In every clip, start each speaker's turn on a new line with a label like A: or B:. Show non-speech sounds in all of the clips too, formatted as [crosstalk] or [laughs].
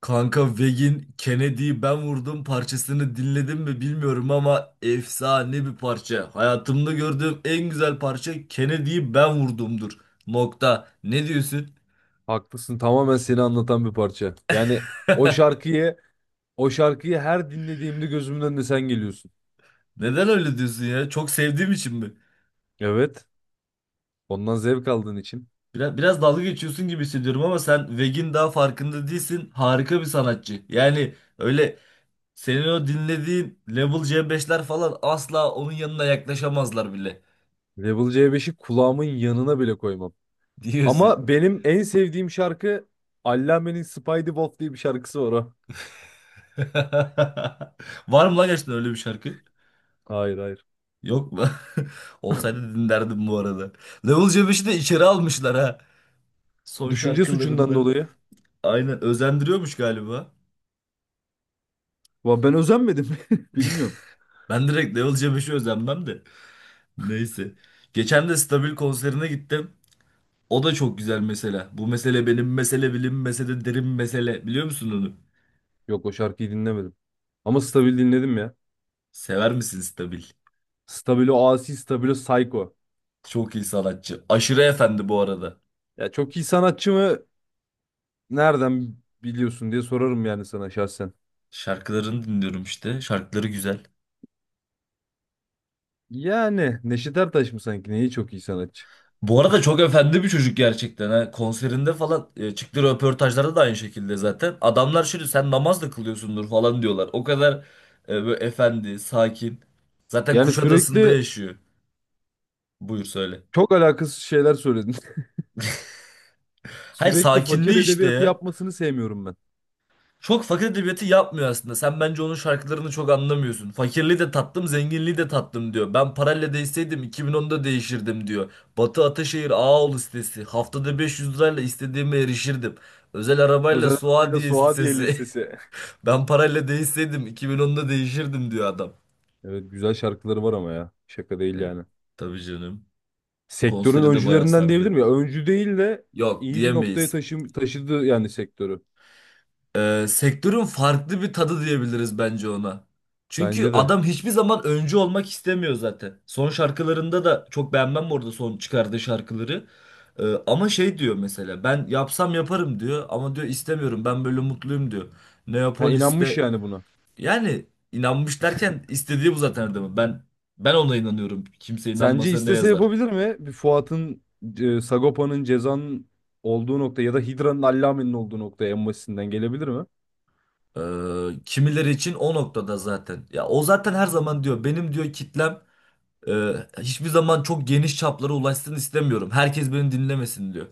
A: Kanka Veg'in Kennedy'yi ben vurdum parçasını dinledim mi bilmiyorum ama efsane bir parça. Hayatımda gördüğüm en güzel parça Kennedy'yi ben vurdumdur. Nokta. Ne diyorsun?
B: Haklısın. Tamamen seni anlatan bir parça. Yani o şarkıyı o şarkıyı her dinlediğimde gözümün önüne sen geliyorsun.
A: Neden öyle diyorsun ya? Çok sevdiğim için mi?
B: Evet. Ondan zevk aldığın için.
A: Biraz dalga geçiyorsun gibi hissediyorum ama sen Veg'in daha farkında değilsin. Harika bir sanatçı. Yani öyle senin o dinlediğin Level C5'ler falan asla onun yanına yaklaşamazlar bile
B: Level c beşi kulağımın yanına bile koymam.
A: diyorsun.
B: Ama benim en sevdiğim şarkı Allame'nin Spidey Wolf diye bir şarkısı var o.
A: [laughs] Var mı lan gerçekten öyle bir şarkı?
B: Hayır hayır.
A: Yok mu? [laughs] Olsaydı dinlerdim bu arada. Level C5'i de içeri almışlar ha. Son
B: Düşünce suçundan
A: şarkılarında.
B: dolayı.
A: Aynen özendiriyormuş galiba.
B: Ben özenmedim. [laughs] Bilmiyorum.
A: Ben direkt Level C5'i özenmem de. Neyse. Geçen de Stabil konserine gittim. O da çok güzel mesela. Bu mesele benim mesele bilim mesele derin mesele. Biliyor musun onu?
B: Yok o şarkıyı dinlemedim. Ama Stabil dinledim ya.
A: Sever misin Stabil?
B: Stabilo Asi, Stabilo Psycho.
A: Çok iyi sanatçı. Aşırı efendi bu arada.
B: Ya çok iyi sanatçı mı? Nereden biliyorsun diye sorarım yani sana şahsen.
A: Şarkılarını dinliyorum işte. Şarkıları güzel.
B: Yani Neşet Ertaş mı sanki? Neyi çok iyi sanatçı?
A: Bu arada çok efendi bir çocuk gerçekten. Ha. Konserinde falan çıktığı röportajlarda da aynı şekilde zaten. Adamlar şimdi sen namaz da kılıyorsundur falan diyorlar. O kadar böyle efendi, sakin. Zaten
B: Yani
A: Kuşadası'nda
B: sürekli
A: yaşıyor. Buyur söyle.
B: çok alakasız şeyler söyledin. [laughs]
A: Hayır,
B: Sürekli fakir
A: sakinliği işte
B: edebiyatı
A: ya.
B: yapmasını sevmiyorum ben.
A: Çok fakir edebiyatı yapmıyor aslında. Sen bence onun şarkılarını çok anlamıyorsun. Fakirliği de tattım, zenginliği de tattım diyor. Ben parayla değseydim 2010'da değişirdim diyor. Batı Ataşehir Ağaoğlu sitesi. Haftada 500 lirayla istediğime erişirdim. Özel arabayla
B: Özel Araba'yla
A: Suadiye
B: Suadiye
A: sitesi. [laughs]
B: Lisesi. [laughs]
A: Ben parayla değseydim 2010'da değişirdim diyor adam.
B: Evet güzel şarkıları var ama ya. Şaka değil
A: Evet,
B: yani.
A: tabii canım.
B: Sektörün
A: Konseri de bayağı
B: öncülerinden diyebilir miyim?
A: sardı.
B: Ya öncü değil de
A: Yok,
B: iyi bir noktaya
A: diyemeyiz.
B: taşıdı yani sektörü.
A: Sektörün farklı bir tadı diyebiliriz bence ona. Çünkü
B: Bence de.
A: adam hiçbir zaman öncü olmak istemiyor zaten. Son şarkılarında da çok beğenmem bu arada son çıkardığı şarkıları. Ama şey diyor mesela, ben yapsam yaparım diyor, ama diyor istemiyorum, ben böyle mutluyum diyor.
B: Ha, inanmış
A: Neapolis'te,
B: yani buna.
A: yani inanmış derken istediği bu zaten adamın. Ben ona inanıyorum. Kimse
B: Sence
A: inanmasa ne
B: istese
A: yazar?
B: yapabilir mi? Bir Fuat'ın, Sagopa'nın Ceza'nın olduğu nokta ya da Hidra'nın Allame'nin olduğu noktaya en basitinden gelebilir mi?
A: E, kimileri için o noktada zaten. Ya o zaten her zaman diyor, benim diyor kitlem. Hiçbir zaman çok geniş çaplara ulaşsın istemiyorum. Herkes beni dinlemesin diyor.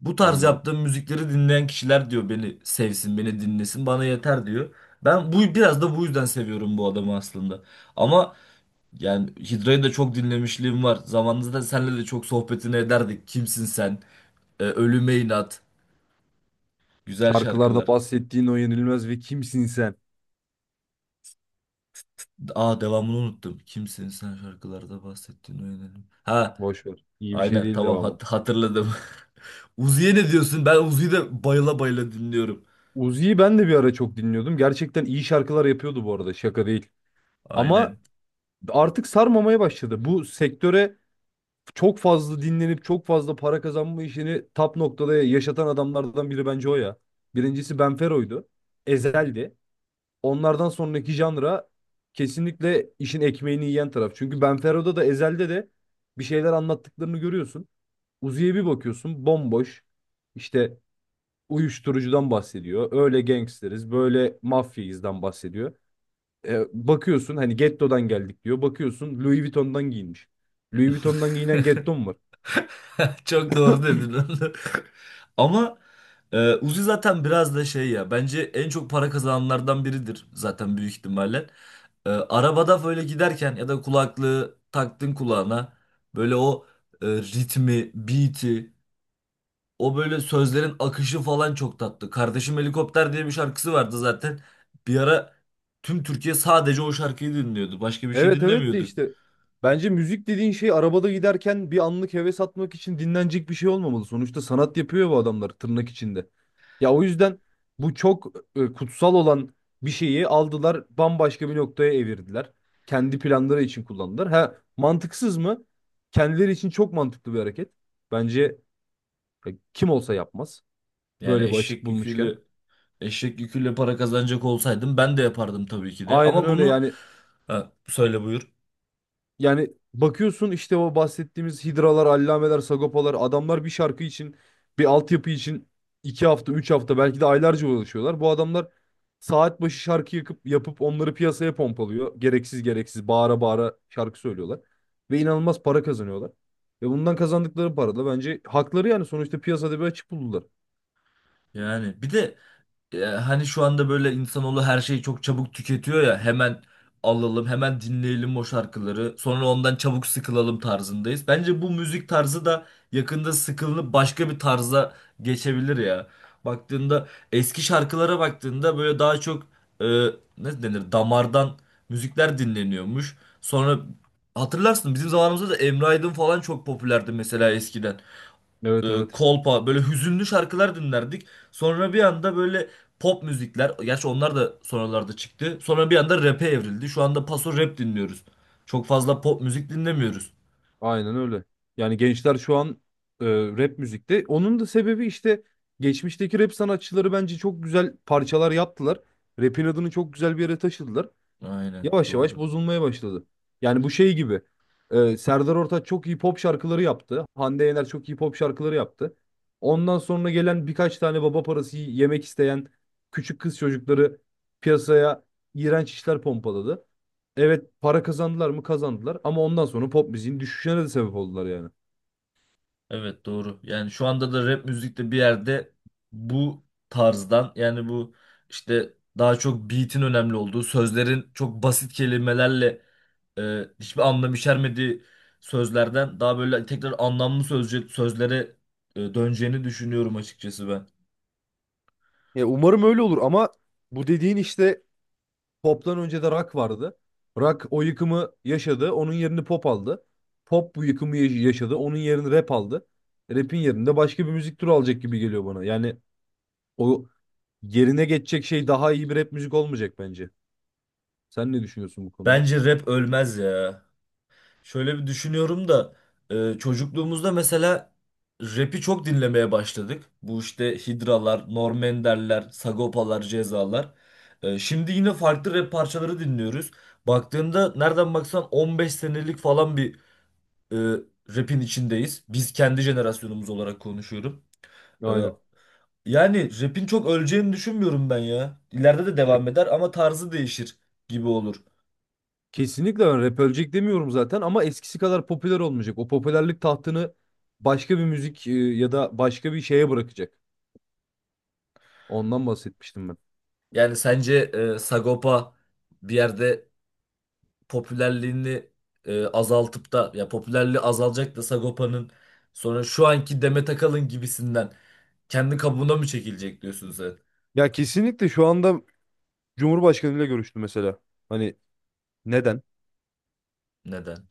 A: Bu tarz
B: Anladım.
A: yaptığım müzikleri dinleyen kişiler diyor beni sevsin, beni dinlesin, bana yeter diyor. Ben bu biraz da bu yüzden seviyorum bu adamı aslında. Ama yani Hidra'yı da çok dinlemişliğim var. Zamanında senle de çok sohbetini ederdik. Kimsin sen? Ölüme inat. Güzel
B: Şarkılarda
A: şarkılar.
B: bahsettiğin o yenilmez ve kimsin sen?
A: Aa, devamını unuttum. Kimsin sen, şarkılarda bahsettiğin o yönelim. Ha,
B: Boş ver. İyi bir şey
A: aynen
B: değil
A: tamam,
B: devamı.
A: hatırladım. [laughs] Uzi'ye ne diyorsun? Ben Uzi'yi de bayıla bayıla dinliyorum.
B: Uzi'yi ben de bir ara çok dinliyordum. Gerçekten iyi şarkılar yapıyordu bu arada. Şaka değil. Ama
A: Aynen.
B: artık sarmamaya başladı. Bu sektöre çok fazla dinlenip çok fazla para kazanma işini top noktada yaşatan adamlardan biri bence o ya. Birincisi Benfero'ydu. Ezel'di. Onlardan sonraki janra kesinlikle işin ekmeğini yiyen taraf. Çünkü Benfero'da da Ezel'de de bir şeyler anlattıklarını görüyorsun. Uzi'ye bir bakıyorsun bomboş. İşte uyuşturucudan bahsediyor. Öyle gangsteriz, böyle mafyayızdan bahsediyor. Bakıyorsun hani gettodan geldik diyor. Bakıyorsun Louis Vuitton'dan giyinmiş. Louis Vuitton'dan giyinen getto mu var?
A: [laughs] Çok doğru dedin onu. [laughs] Ama Uzi zaten biraz da şey ya. Bence en çok para kazananlardan biridir zaten büyük ihtimalle. Arabada böyle giderken ya da kulaklığı taktın kulağına, böyle o ritmi, beat'i, o böyle sözlerin akışı falan çok tatlı. Kardeşim Helikopter diye bir şarkısı vardı zaten. Bir ara tüm Türkiye sadece o şarkıyı dinliyordu. Başka bir şey
B: Evet evet de
A: dinlemiyorduk.
B: işte bence müzik dediğin şey arabada giderken bir anlık heves atmak için dinlenecek bir şey olmamalı. Sonuçta sanat yapıyor bu adamlar tırnak içinde. Ya o yüzden bu çok kutsal olan bir şeyi aldılar bambaşka bir noktaya evirdiler. Kendi planları için kullandılar. Ha mantıksız mı? Kendileri için çok mantıklı bir hareket. Bence kim olsa yapmaz
A: Yani
B: böyle bir açık
A: eşek
B: bulmuşken.
A: yüküyle eşek yüküyle para kazanacak olsaydım ben de yapardım tabii ki de.
B: Aynen
A: Ama
B: öyle
A: bunu,
B: yani
A: ha, söyle buyur.
B: Yani Bakıyorsun işte o bahsettiğimiz hidralar, allameler, sagopalar adamlar bir şarkı için, bir altyapı için iki hafta, üç hafta belki de aylarca uğraşıyorlar. Bu adamlar saat başı şarkı yakıp, yapıp onları piyasaya pompalıyor. Gereksiz gereksiz bağıra bağıra şarkı söylüyorlar. Ve inanılmaz para kazanıyorlar. Ve bundan kazandıkları para da bence hakları yani sonuçta piyasada bir açık buldular.
A: Yani bir de, ya hani şu anda böyle insanoğlu her şeyi çok çabuk tüketiyor ya, hemen alalım hemen dinleyelim o şarkıları sonra ondan çabuk sıkılalım tarzındayız. Bence bu müzik tarzı da yakında sıkılınıp başka bir tarza geçebilir ya. Baktığında, eski şarkılara baktığında böyle daha çok e, ne denir, damardan müzikler dinleniyormuş. Sonra, hatırlarsın bizim zamanımızda da Emre Aydın falan çok popülerdi mesela, eskiden
B: Evet evet.
A: kolpa böyle hüzünlü şarkılar dinlerdik. Sonra bir anda böyle pop müzikler, gerçi onlar da sonralarda çıktı. Sonra bir anda rap'e evrildi. Şu anda paso rap dinliyoruz. Çok fazla pop müzik dinlemiyoruz.
B: Aynen öyle. Yani gençler şu an rap müzikte. Onun da sebebi işte geçmişteki rap sanatçıları bence çok güzel parçalar yaptılar. Rap'in adını çok güzel bir yere taşıdılar
A: Aynen,
B: yavaş yavaş
A: doğru.
B: bozulmaya başladı. Yani bu şey gibi. Serdar Ortaç çok iyi pop şarkıları yaptı. Hande Yener çok iyi pop şarkıları yaptı. Ondan sonra gelen birkaç tane baba parası yemek isteyen küçük kız çocukları piyasaya iğrenç işler pompaladı. Evet para kazandılar mı kazandılar ama ondan sonra pop müziğin düşüşüne de sebep oldular yani.
A: Evet, doğru. Yani şu anda da rap müzikte bir yerde bu tarzdan, yani bu işte daha çok beat'in önemli olduğu, sözlerin çok basit kelimelerle hiçbir anlam içermediği sözlerden daha böyle tekrar anlamlı sözlere döneceğini düşünüyorum açıkçası ben.
B: Ya umarım öyle olur ama bu dediğin işte Pop'tan önce de Rock vardı. Rock o yıkımı yaşadı. Onun yerini Pop aldı. Pop bu yıkımı yaşadı. Onun yerini Rap aldı. Rap'in yerinde başka bir müzik türü alacak gibi geliyor bana. Yani o yerine geçecek şey daha iyi bir rap müzik olmayacak bence. Sen ne düşünüyorsun bu konuda?
A: Bence rap ölmez ya. Şöyle bir düşünüyorum da, çocukluğumuzda mesela rap'i çok dinlemeye başladık. Bu işte Hidralar, Norm Ender'ler, Sagopalar, Cezalar. Şimdi yine farklı rap parçaları dinliyoruz. Baktığında nereden baksan 15 senelik falan bir e, rap'in içindeyiz. Biz, kendi jenerasyonumuz olarak konuşuyorum. E,
B: Aynen.
A: Yani rap'in çok öleceğini düşünmüyorum ben ya. İleride de
B: Ya,
A: devam eder ama tarzı değişir gibi olur.
B: kesinlikle ben rap ölecek demiyorum zaten ama eskisi kadar popüler olmayacak. O popülerlik tahtını başka bir müzik ya da başka bir şeye bırakacak. Ondan bahsetmiştim ben.
A: Yani sence Sagopa bir yerde popülerliğini azaltıp da, ya popülerliği azalacak da Sagopa'nın, sonra şu anki Demet Akalın gibisinden kendi kabuğuna mı çekilecek diyorsun sen?
B: Ya kesinlikle şu anda Cumhurbaşkanıyla görüştü mesela. Hani neden?
A: Neden?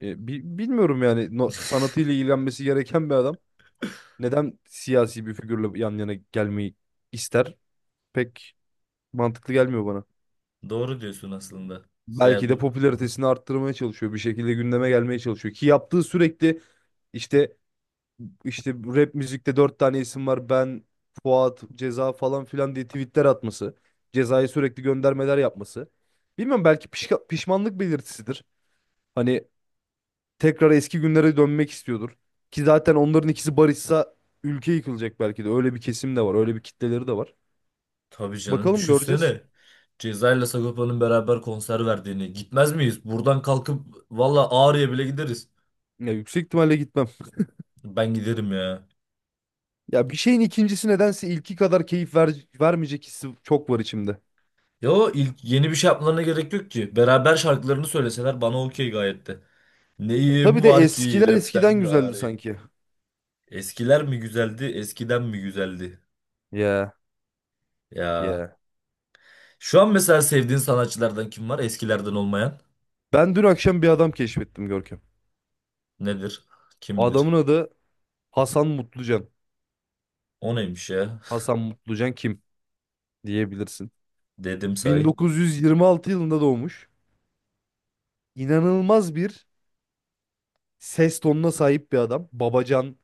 B: Bilmiyorum yani no,
A: [laughs]
B: sanatıyla ilgilenmesi gereken bir adam neden siyasi bir figürle yan yana gelmeyi ister? Pek mantıklı gelmiyor bana.
A: Doğru diyorsun aslında. Yani
B: Belki de
A: bu,
B: popülaritesini arttırmaya çalışıyor. Bir şekilde gündeme gelmeye çalışıyor. Ki yaptığı sürekli işte rap müzikte dört tane isim var. Ben, Fuat, Ceza falan filan diye tweetler atması. Ceza'ya sürekli göndermeler yapması. Bilmiyorum belki pişmanlık belirtisidir. Hani tekrar eski günlere dönmek istiyordur. Ki zaten onların ikisi barışsa ülke yıkılacak belki de. Öyle bir kesim de var, öyle bir kitleleri de var.
A: tabii canım,
B: Bakalım göreceğiz.
A: düşünsene. Ceza ile Sagopa'nın beraber konser verdiğini. Gitmez miyiz? Buradan kalkıp valla Ağrı'ya bile gideriz.
B: Ya yüksek ihtimalle gitmem.
A: Ben giderim ya.
B: Ya bir şeyin ikincisi nedense ilki kadar keyif vermeyecek hissi çok var içimde. Ya
A: Ya o ilk, yeni bir şey yapmalarına gerek yok ki. Beraber şarkılarını söyleseler bana okey gayet de.
B: tabii
A: Neyim
B: de
A: var ki
B: eskiler
A: rapten
B: eskiden güzeldi
A: gari.
B: sanki.
A: Eskiler mi güzeldi, eskiden mi güzeldi?
B: Ya
A: Ya.
B: ya.
A: Şu an mesela sevdiğin sanatçılardan kim var? Eskilerden olmayan.
B: Ben dün akşam bir adam keşfettim Görkem.
A: Nedir? Kimdir?
B: Adamın adı Hasan Mutlucan.
A: O neymiş ya?
B: Hasan Mutlucan kim diyebilirsin.
A: Dedim say.
B: 1926 yılında doğmuş. İnanılmaz bir ses tonuna sahip bir adam. Babacan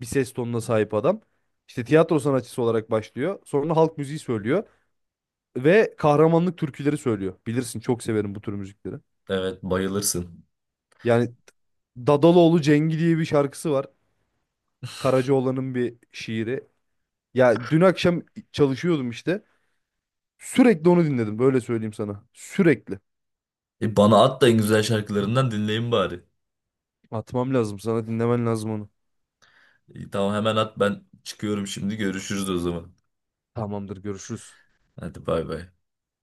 B: bir ses tonuna sahip adam. İşte tiyatro sanatçısı olarak başlıyor. Sonra halk müziği söylüyor ve kahramanlık türküleri söylüyor. Bilirsin çok severim bu tür müzikleri.
A: Evet, bayılırsın.
B: Yani Dadaloğlu Cengi diye bir şarkısı var. Karacaoğlan'ın bir şiiri. Ya dün akşam çalışıyordum işte. Sürekli onu dinledim. Böyle söyleyeyim sana. Sürekli.
A: Bana at da en güzel şarkılarından dinleyin bari.
B: Atmam lazım. Sana dinlemen lazım onu.
A: Tamam, hemen at, ben çıkıyorum şimdi, görüşürüz o zaman.
B: Tamamdır, görüşürüz.
A: Hadi, bay bay.